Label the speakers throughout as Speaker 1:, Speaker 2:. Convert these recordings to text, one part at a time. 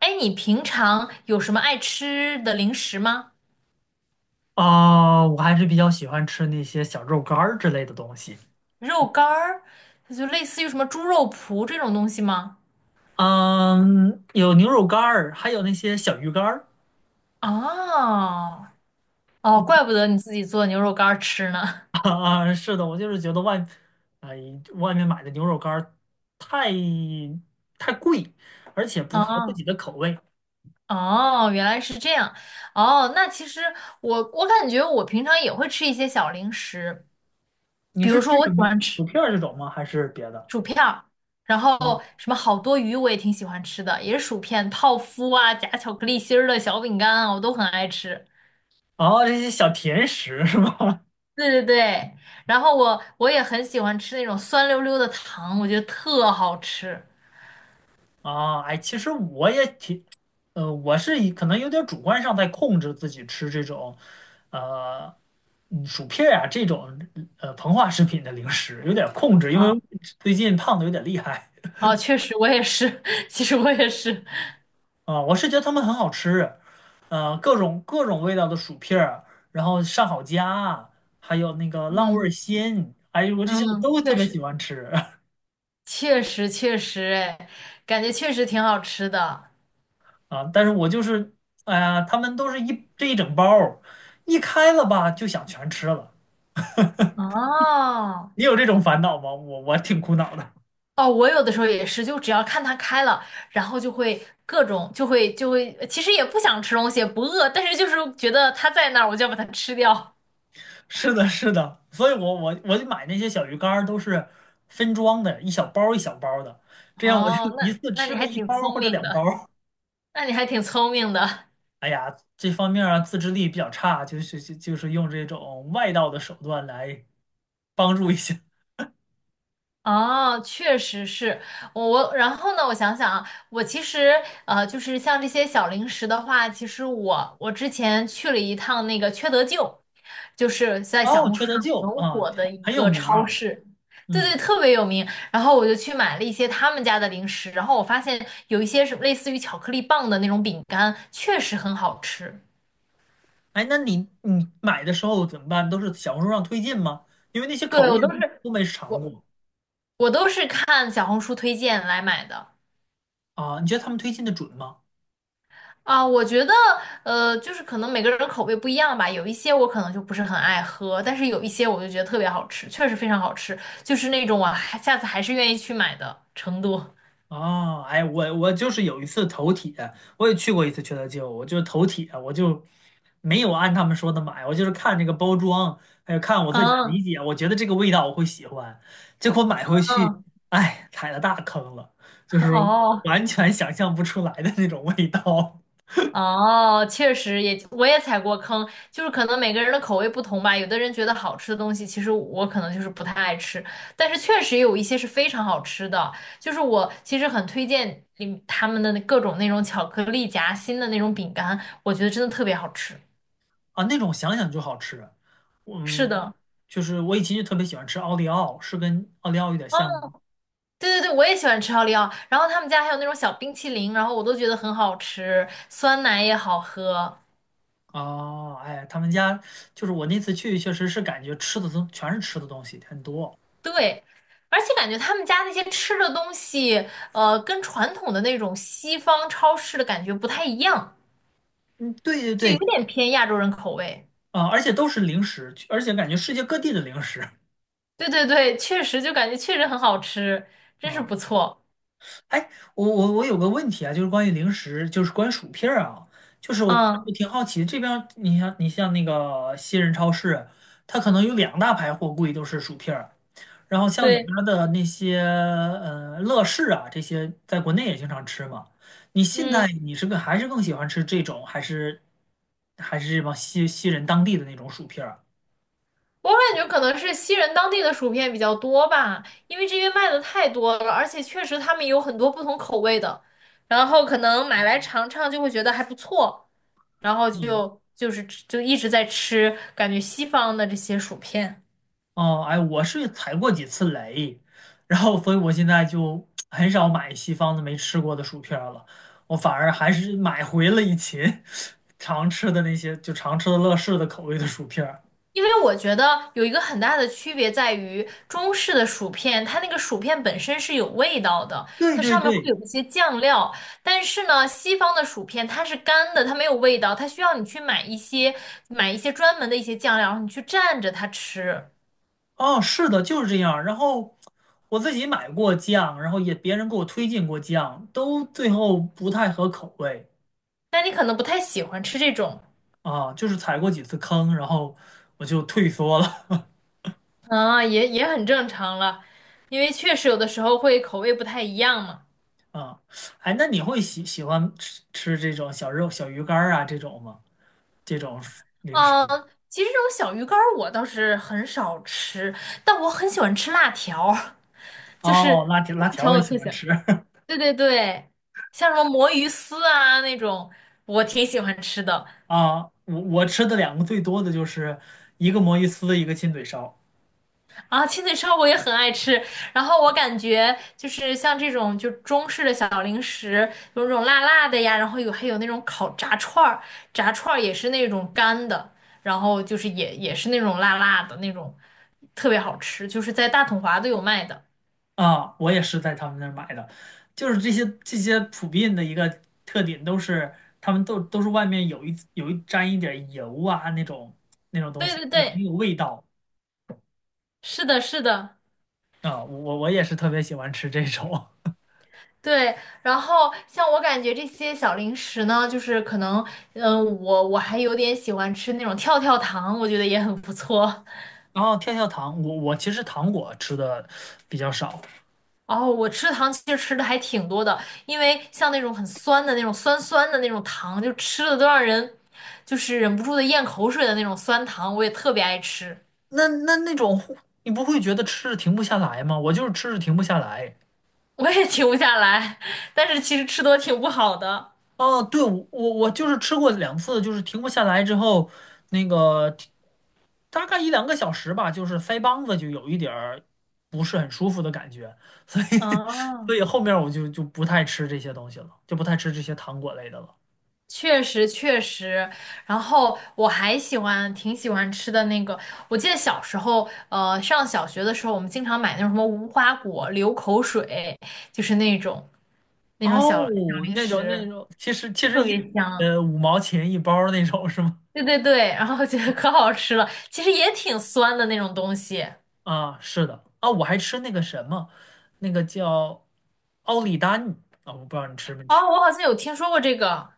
Speaker 1: 哎，你平常有什么爱吃的零食吗？
Speaker 2: 啊，我还是比较喜欢吃那些小肉干儿之类的东西。
Speaker 1: 肉干儿，就类似于什么猪肉脯这种东西吗？
Speaker 2: 嗯，有牛肉干儿，还有那些小鱼干儿。
Speaker 1: 啊，哦，怪 不得你自己做牛肉干儿吃呢。
Speaker 2: 啊，是的，我就是觉得哎，外面买的牛肉干儿太太贵，而且不合自
Speaker 1: 啊，
Speaker 2: 己的口味。
Speaker 1: 哦，原来是这样。哦，那其实我感觉我平常也会吃一些小零食，
Speaker 2: 你
Speaker 1: 比
Speaker 2: 是
Speaker 1: 如说
Speaker 2: 吃
Speaker 1: 我
Speaker 2: 什
Speaker 1: 喜欢
Speaker 2: 么？
Speaker 1: 吃
Speaker 2: 薯片儿这种吗？还是别的？
Speaker 1: 薯片儿，然
Speaker 2: 嗯，
Speaker 1: 后什么好多鱼我也挺喜欢吃的，也是薯片、泡芙啊，夹巧克力心儿的小饼干啊，我都很爱吃。
Speaker 2: 哦，这些小甜食是吗？
Speaker 1: 对对对，然后我也很喜欢吃那种酸溜溜的糖，我觉得特好吃。
Speaker 2: 啊，哎，其实我也挺，呃，我是以可能有点主观上在控制自己吃这种，呃，薯片儿啊这种膨化食品的零食，有点控制，因为
Speaker 1: 啊
Speaker 2: 最近胖的有点厉害
Speaker 1: 啊，确实我也是，其实我也是，
Speaker 2: 啊，我是觉得他们很好吃，各种各种味道的薯片儿，然后上好佳啊，还有那个浪味儿
Speaker 1: 嗯
Speaker 2: 仙，哎呦，我这些我
Speaker 1: 嗯，
Speaker 2: 都特
Speaker 1: 确
Speaker 2: 别喜
Speaker 1: 实
Speaker 2: 欢吃
Speaker 1: 确实，哎，感觉确实挺好吃的。
Speaker 2: 啊，但是我就是，哎呀，他们都是这一整包儿一开了吧就想全吃了。
Speaker 1: 哦
Speaker 2: 你有这种烦恼吗？我挺苦恼的。
Speaker 1: 哦，我有的时候也是，就只要看它开了，然后就会各种就会，其实也不想吃东西，也不饿，但是就是觉得它在那儿，我就要把它吃掉。
Speaker 2: 是的，是的，所以我就买那些小鱼干儿都是分装的，一小包儿一小包儿的，这样我就
Speaker 1: 哦，
Speaker 2: 一
Speaker 1: 那
Speaker 2: 次
Speaker 1: 那你
Speaker 2: 吃个
Speaker 1: 还
Speaker 2: 一
Speaker 1: 挺
Speaker 2: 包儿
Speaker 1: 聪
Speaker 2: 或者
Speaker 1: 明
Speaker 2: 两包
Speaker 1: 的，
Speaker 2: 儿。
Speaker 1: 那你还挺聪明的。
Speaker 2: 哎呀，这方面啊自制力比较差，就是用这种外道的手段来帮助一下。
Speaker 1: 哦，确实是我，然后呢，我想想啊，我其实就是像这些小零食的话，其实我之前去了一趟那个缺德舅，就是在小
Speaker 2: 哦，
Speaker 1: 红
Speaker 2: 缺
Speaker 1: 书上
Speaker 2: 德舅
Speaker 1: 很
Speaker 2: 啊，
Speaker 1: 火的一
Speaker 2: 很有
Speaker 1: 个
Speaker 2: 名
Speaker 1: 超
Speaker 2: 啊。
Speaker 1: 市，对
Speaker 2: 嗯，
Speaker 1: 对，特别有名。然后我就去买了一些他们家的零食，然后我发现有一些是类似于巧克力棒的那种饼干，确实很好吃。
Speaker 2: 哎，那你买的时候怎么办？都是小红书上推荐吗？因为那些口
Speaker 1: 对，
Speaker 2: 味儿都都没尝
Speaker 1: 我
Speaker 2: 过
Speaker 1: 我都是看小红书推荐来买的。
Speaker 2: 啊，你觉得他们推荐的准吗？
Speaker 1: 啊，我觉得，就是可能每个人的口味不一样吧，有一些我可能就不是很爱喝，但是有一些我就觉得特别好吃，确实非常好吃，就是那种我还下次还是愿意去买的程度。
Speaker 2: 哦，哎，我就是有一次头铁，我也去过一次缺德街舞我就是头铁，我就没有按他们说的买，我就是看这个包装，还有看我自己
Speaker 1: 嗯
Speaker 2: 理解，我觉得这个味道我会喜欢，结果买回去，
Speaker 1: 嗯，
Speaker 2: 哎，踩了大坑了，就 是
Speaker 1: 哦，
Speaker 2: 完全想象不出来的那种味道
Speaker 1: 哦，确实也，我也踩过坑，就是可能每个人的口味不同吧。有的人觉得好吃的东西，其实我可能就是不太爱吃，但是确实有一些是非常好吃的。就是我其实很推荐你他们的那各种那种巧克力夹心的那种饼干，我觉得真的特别好吃。
Speaker 2: 啊，那种想想就好吃。
Speaker 1: 是
Speaker 2: 嗯，
Speaker 1: 的，
Speaker 2: 就是我以前就特别喜欢吃奥利奥，是跟奥利奥有点像
Speaker 1: 嗯，
Speaker 2: 吗？
Speaker 1: 对对对，我也喜欢吃奥利奥。然后他们家还有那种小冰淇淋，然后我都觉得很好吃，酸奶也好喝。
Speaker 2: 哦，哎，他们家就是我那次去，确实是感觉吃的都全是吃的东西很多。
Speaker 1: 对，而且感觉他们家那些吃的东西，跟传统的那种西方超市的感觉不太一样，
Speaker 2: 嗯，对对
Speaker 1: 就有
Speaker 2: 对，
Speaker 1: 点偏亚洲人口味。
Speaker 2: 啊、而且都是零食，而且感觉世界各地的零食。
Speaker 1: 对对对，确实就感觉确实很好吃，真是
Speaker 2: 啊、
Speaker 1: 不错。
Speaker 2: 哎，我有个问题啊，就是关于零食，就是关于薯片儿啊，就是我
Speaker 1: 嗯，
Speaker 2: 我挺好奇，这边儿你像那个西人超市，它可能有两大排货柜都是薯片儿，然后像里边
Speaker 1: 对，
Speaker 2: 儿的那些乐事啊这些，在国内也经常吃嘛。你现
Speaker 1: 嗯。
Speaker 2: 在你是个还是更喜欢吃这种，还是这帮西人当地的那种薯片儿？
Speaker 1: 我感觉可能是西人当地的薯片比较多吧，因为这边卖的太多了，而且确实他们有很多不同口味的，然后可能买来尝尝就会觉得还不错，然后
Speaker 2: 嗯
Speaker 1: 就一直在吃，感觉西方的这些薯片。
Speaker 2: 哦，哎，我是踩过几次雷，然后所以我现在就很少买西方的没吃过的薯片儿了，我反而还是买回了以前 常吃的那些，就常吃的乐事的口味的薯片儿。
Speaker 1: 因为我觉得有一个很大的区别在于，中式的薯片，它那个薯片本身是有味道的，
Speaker 2: 对
Speaker 1: 它
Speaker 2: 对
Speaker 1: 上面会
Speaker 2: 对，
Speaker 1: 有一些酱料。但是呢，西方的薯片它是干的，它没有味道，它需要你去买一些专门的一些酱料，然后你去蘸着它吃。
Speaker 2: 哦，是的，就是这样儿然后我自己买过酱，然后也别人给我推荐过酱，都最后不太合口味
Speaker 1: 但你可能不太喜欢吃这种，
Speaker 2: 啊，就是踩过几次坑，然后我就退缩了。
Speaker 1: 啊，也很正常了，因为确实有的时候会口味不太一样嘛。
Speaker 2: 啊，哎，那你会喜欢吃这种小肉、小鱼干儿啊这种吗？这种零食？
Speaker 1: 嗯，其实这种小鱼干儿我倒是很少吃，但我很喜欢吃辣条。就
Speaker 2: 哦，
Speaker 1: 是
Speaker 2: 辣条辣条
Speaker 1: 挺
Speaker 2: 我也
Speaker 1: 有
Speaker 2: 喜
Speaker 1: 特
Speaker 2: 欢
Speaker 1: 色。
Speaker 2: 吃
Speaker 1: 对对对，像什么魔芋丝啊那种，我挺喜欢吃的。
Speaker 2: 啊。我吃的两个最多的就是一个魔芋丝，一个亲嘴烧
Speaker 1: 啊，亲嘴烧我也很爱吃。然后我感觉就是像这种就中式的小零食，有那种辣辣的呀，然后还有那种烤炸串儿，炸串儿也是那种干的，然后就是也是那种辣辣的那种，特别好吃，就是在大统华都有卖的。
Speaker 2: 啊。我也是在他们那儿买的，就是这些普遍的一个特点都是他们都是外面有一沾一点儿油啊那种东
Speaker 1: 对
Speaker 2: 西，
Speaker 1: 对
Speaker 2: 也很
Speaker 1: 对，
Speaker 2: 有味道
Speaker 1: 是的，是的。
Speaker 2: 啊。我也是特别喜欢吃这种。
Speaker 1: 对，然后像我感觉这些小零食呢，就是可能，嗯、我还有点喜欢吃那种跳跳糖，我觉得也很不错。
Speaker 2: 然后跳跳糖，我其实糖果吃的比较少，
Speaker 1: 哦，我吃糖其实吃的还挺多的，因为像那种很酸的那种酸酸的那种糖，就吃的都让人就是忍不住的咽口水的那种酸糖，我也特别爱吃，
Speaker 2: 那种你不会觉得吃着停不下来吗？我就是吃着停不下来。
Speaker 1: 我也停不下来，但是其实吃多挺不好的。
Speaker 2: 哦，对，我就是吃过两次，就是停不下来之后，那个大概一两个小时吧，就是腮帮子就有一点儿不是很舒服的感觉，所以 所
Speaker 1: 啊。
Speaker 2: 以后面我就不太吃这些东西了，就不太吃这些糖果类的了。
Speaker 1: 确实确实，然后我还喜欢挺喜欢吃的那个，我记得小时候，上小学的时候，我们经常买那种什么无花果、流口水，就是那种小小
Speaker 2: 哦，
Speaker 1: 零
Speaker 2: 那种那
Speaker 1: 食，
Speaker 2: 种，其实其实
Speaker 1: 特别
Speaker 2: 一
Speaker 1: 香。
Speaker 2: 呃5毛钱一包儿那种是吗？
Speaker 1: 对对对，然后觉得可好吃了，其实也挺酸的那种东西。
Speaker 2: 啊，是的啊，我还吃那个什么，那个叫奥利丹啊，我不知道你吃没
Speaker 1: 哦，
Speaker 2: 吃
Speaker 1: 我好像有听说过这个，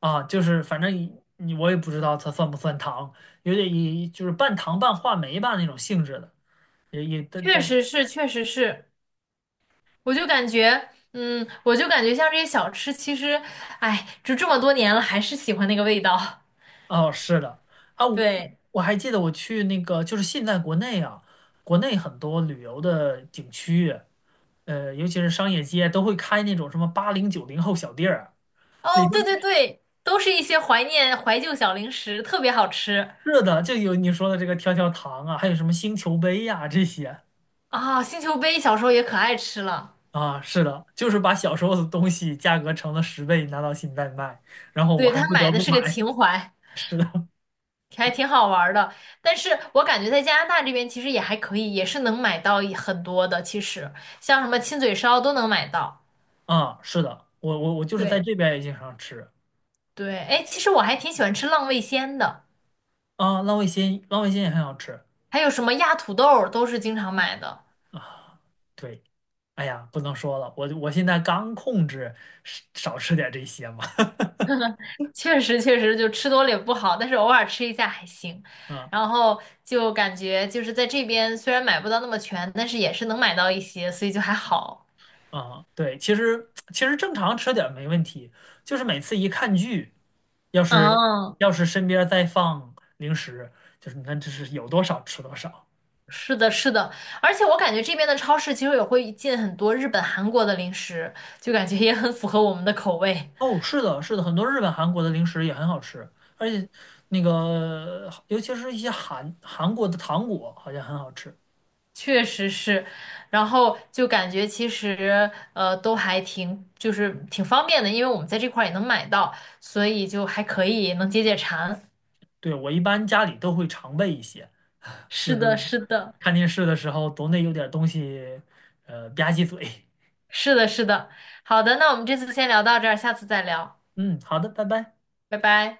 Speaker 2: 啊，就是反正你我也不知道它算不算糖，有点就是半糖半话梅吧那种性质的，也也但
Speaker 1: 确
Speaker 2: 但
Speaker 1: 实是，确实是，我就感觉，嗯，我就感觉像这些小吃，其实，哎，就这么多年了，还是喜欢那个味道。
Speaker 2: 哦是的啊，我
Speaker 1: 对。
Speaker 2: 我还记得我去那个就是现在国内啊，国内很多旅游的景区，尤其是商业街都会开那种什么80、90后小店儿啊。
Speaker 1: 哦，对对对，都是一些怀念怀旧小零食，特别好吃
Speaker 2: 是的，就有你说的这个跳跳糖啊，还有什么星球杯呀、这些
Speaker 1: 啊！星球杯小时候也可爱吃了，
Speaker 2: 啊，是的，就是把小时候的东西价格乘了10倍拿到现在卖，然后我
Speaker 1: 对，
Speaker 2: 还
Speaker 1: 他
Speaker 2: 不得
Speaker 1: 买的
Speaker 2: 不
Speaker 1: 是个
Speaker 2: 买。
Speaker 1: 情怀，
Speaker 2: 是的，
Speaker 1: 还挺好玩儿的。但是我感觉在加拿大这边其实也还可以，也是能买到一很多的，其实像什么亲嘴烧都能买到。
Speaker 2: 啊，是的，我就是在
Speaker 1: 对
Speaker 2: 这边也经常吃
Speaker 1: 对，哎，其实我还挺喜欢吃浪味仙的，
Speaker 2: 啊，浪味仙浪味仙也很好吃
Speaker 1: 还有什么压土豆儿都是经常买的。
Speaker 2: 啊。对，哎呀，不能说了，我现在刚控制少吃点这些嘛。
Speaker 1: 确实确实就吃多了也不好，但是偶尔吃一下还行。
Speaker 2: 啊。
Speaker 1: 然后就感觉就是在这边虽然买不到那么全，但是也是能买到一些，所以就还好。
Speaker 2: 啊，对，其实正常吃点儿没问题，就是每次一看剧，要是
Speaker 1: 嗯，
Speaker 2: 要是身边儿再放零食，就是你看这是有多少吃多少。
Speaker 1: 是的，是的，而且我感觉这边的超市其实也会进很多日本、韩国的零食，就感觉也很符合我们的口味，
Speaker 2: 哦，是的，是的，很多日本、韩国的零食也很好吃，而且那个尤其是一些韩国的糖果好像很好吃。
Speaker 1: 确实是。然后就感觉其实都还挺就是挺方便的，因为我们在这块儿也能买到，所以就还可以能解解馋。
Speaker 2: 对，我一般家里都会常备一些，就
Speaker 1: 是
Speaker 2: 是
Speaker 1: 的，是的。
Speaker 2: 看电视的时候总得有点儿东西，吧唧嘴。
Speaker 1: 是的，是的。好的，那我们这次先聊到这儿，下次再聊，
Speaker 2: 嗯，好的，拜拜。
Speaker 1: 拜拜。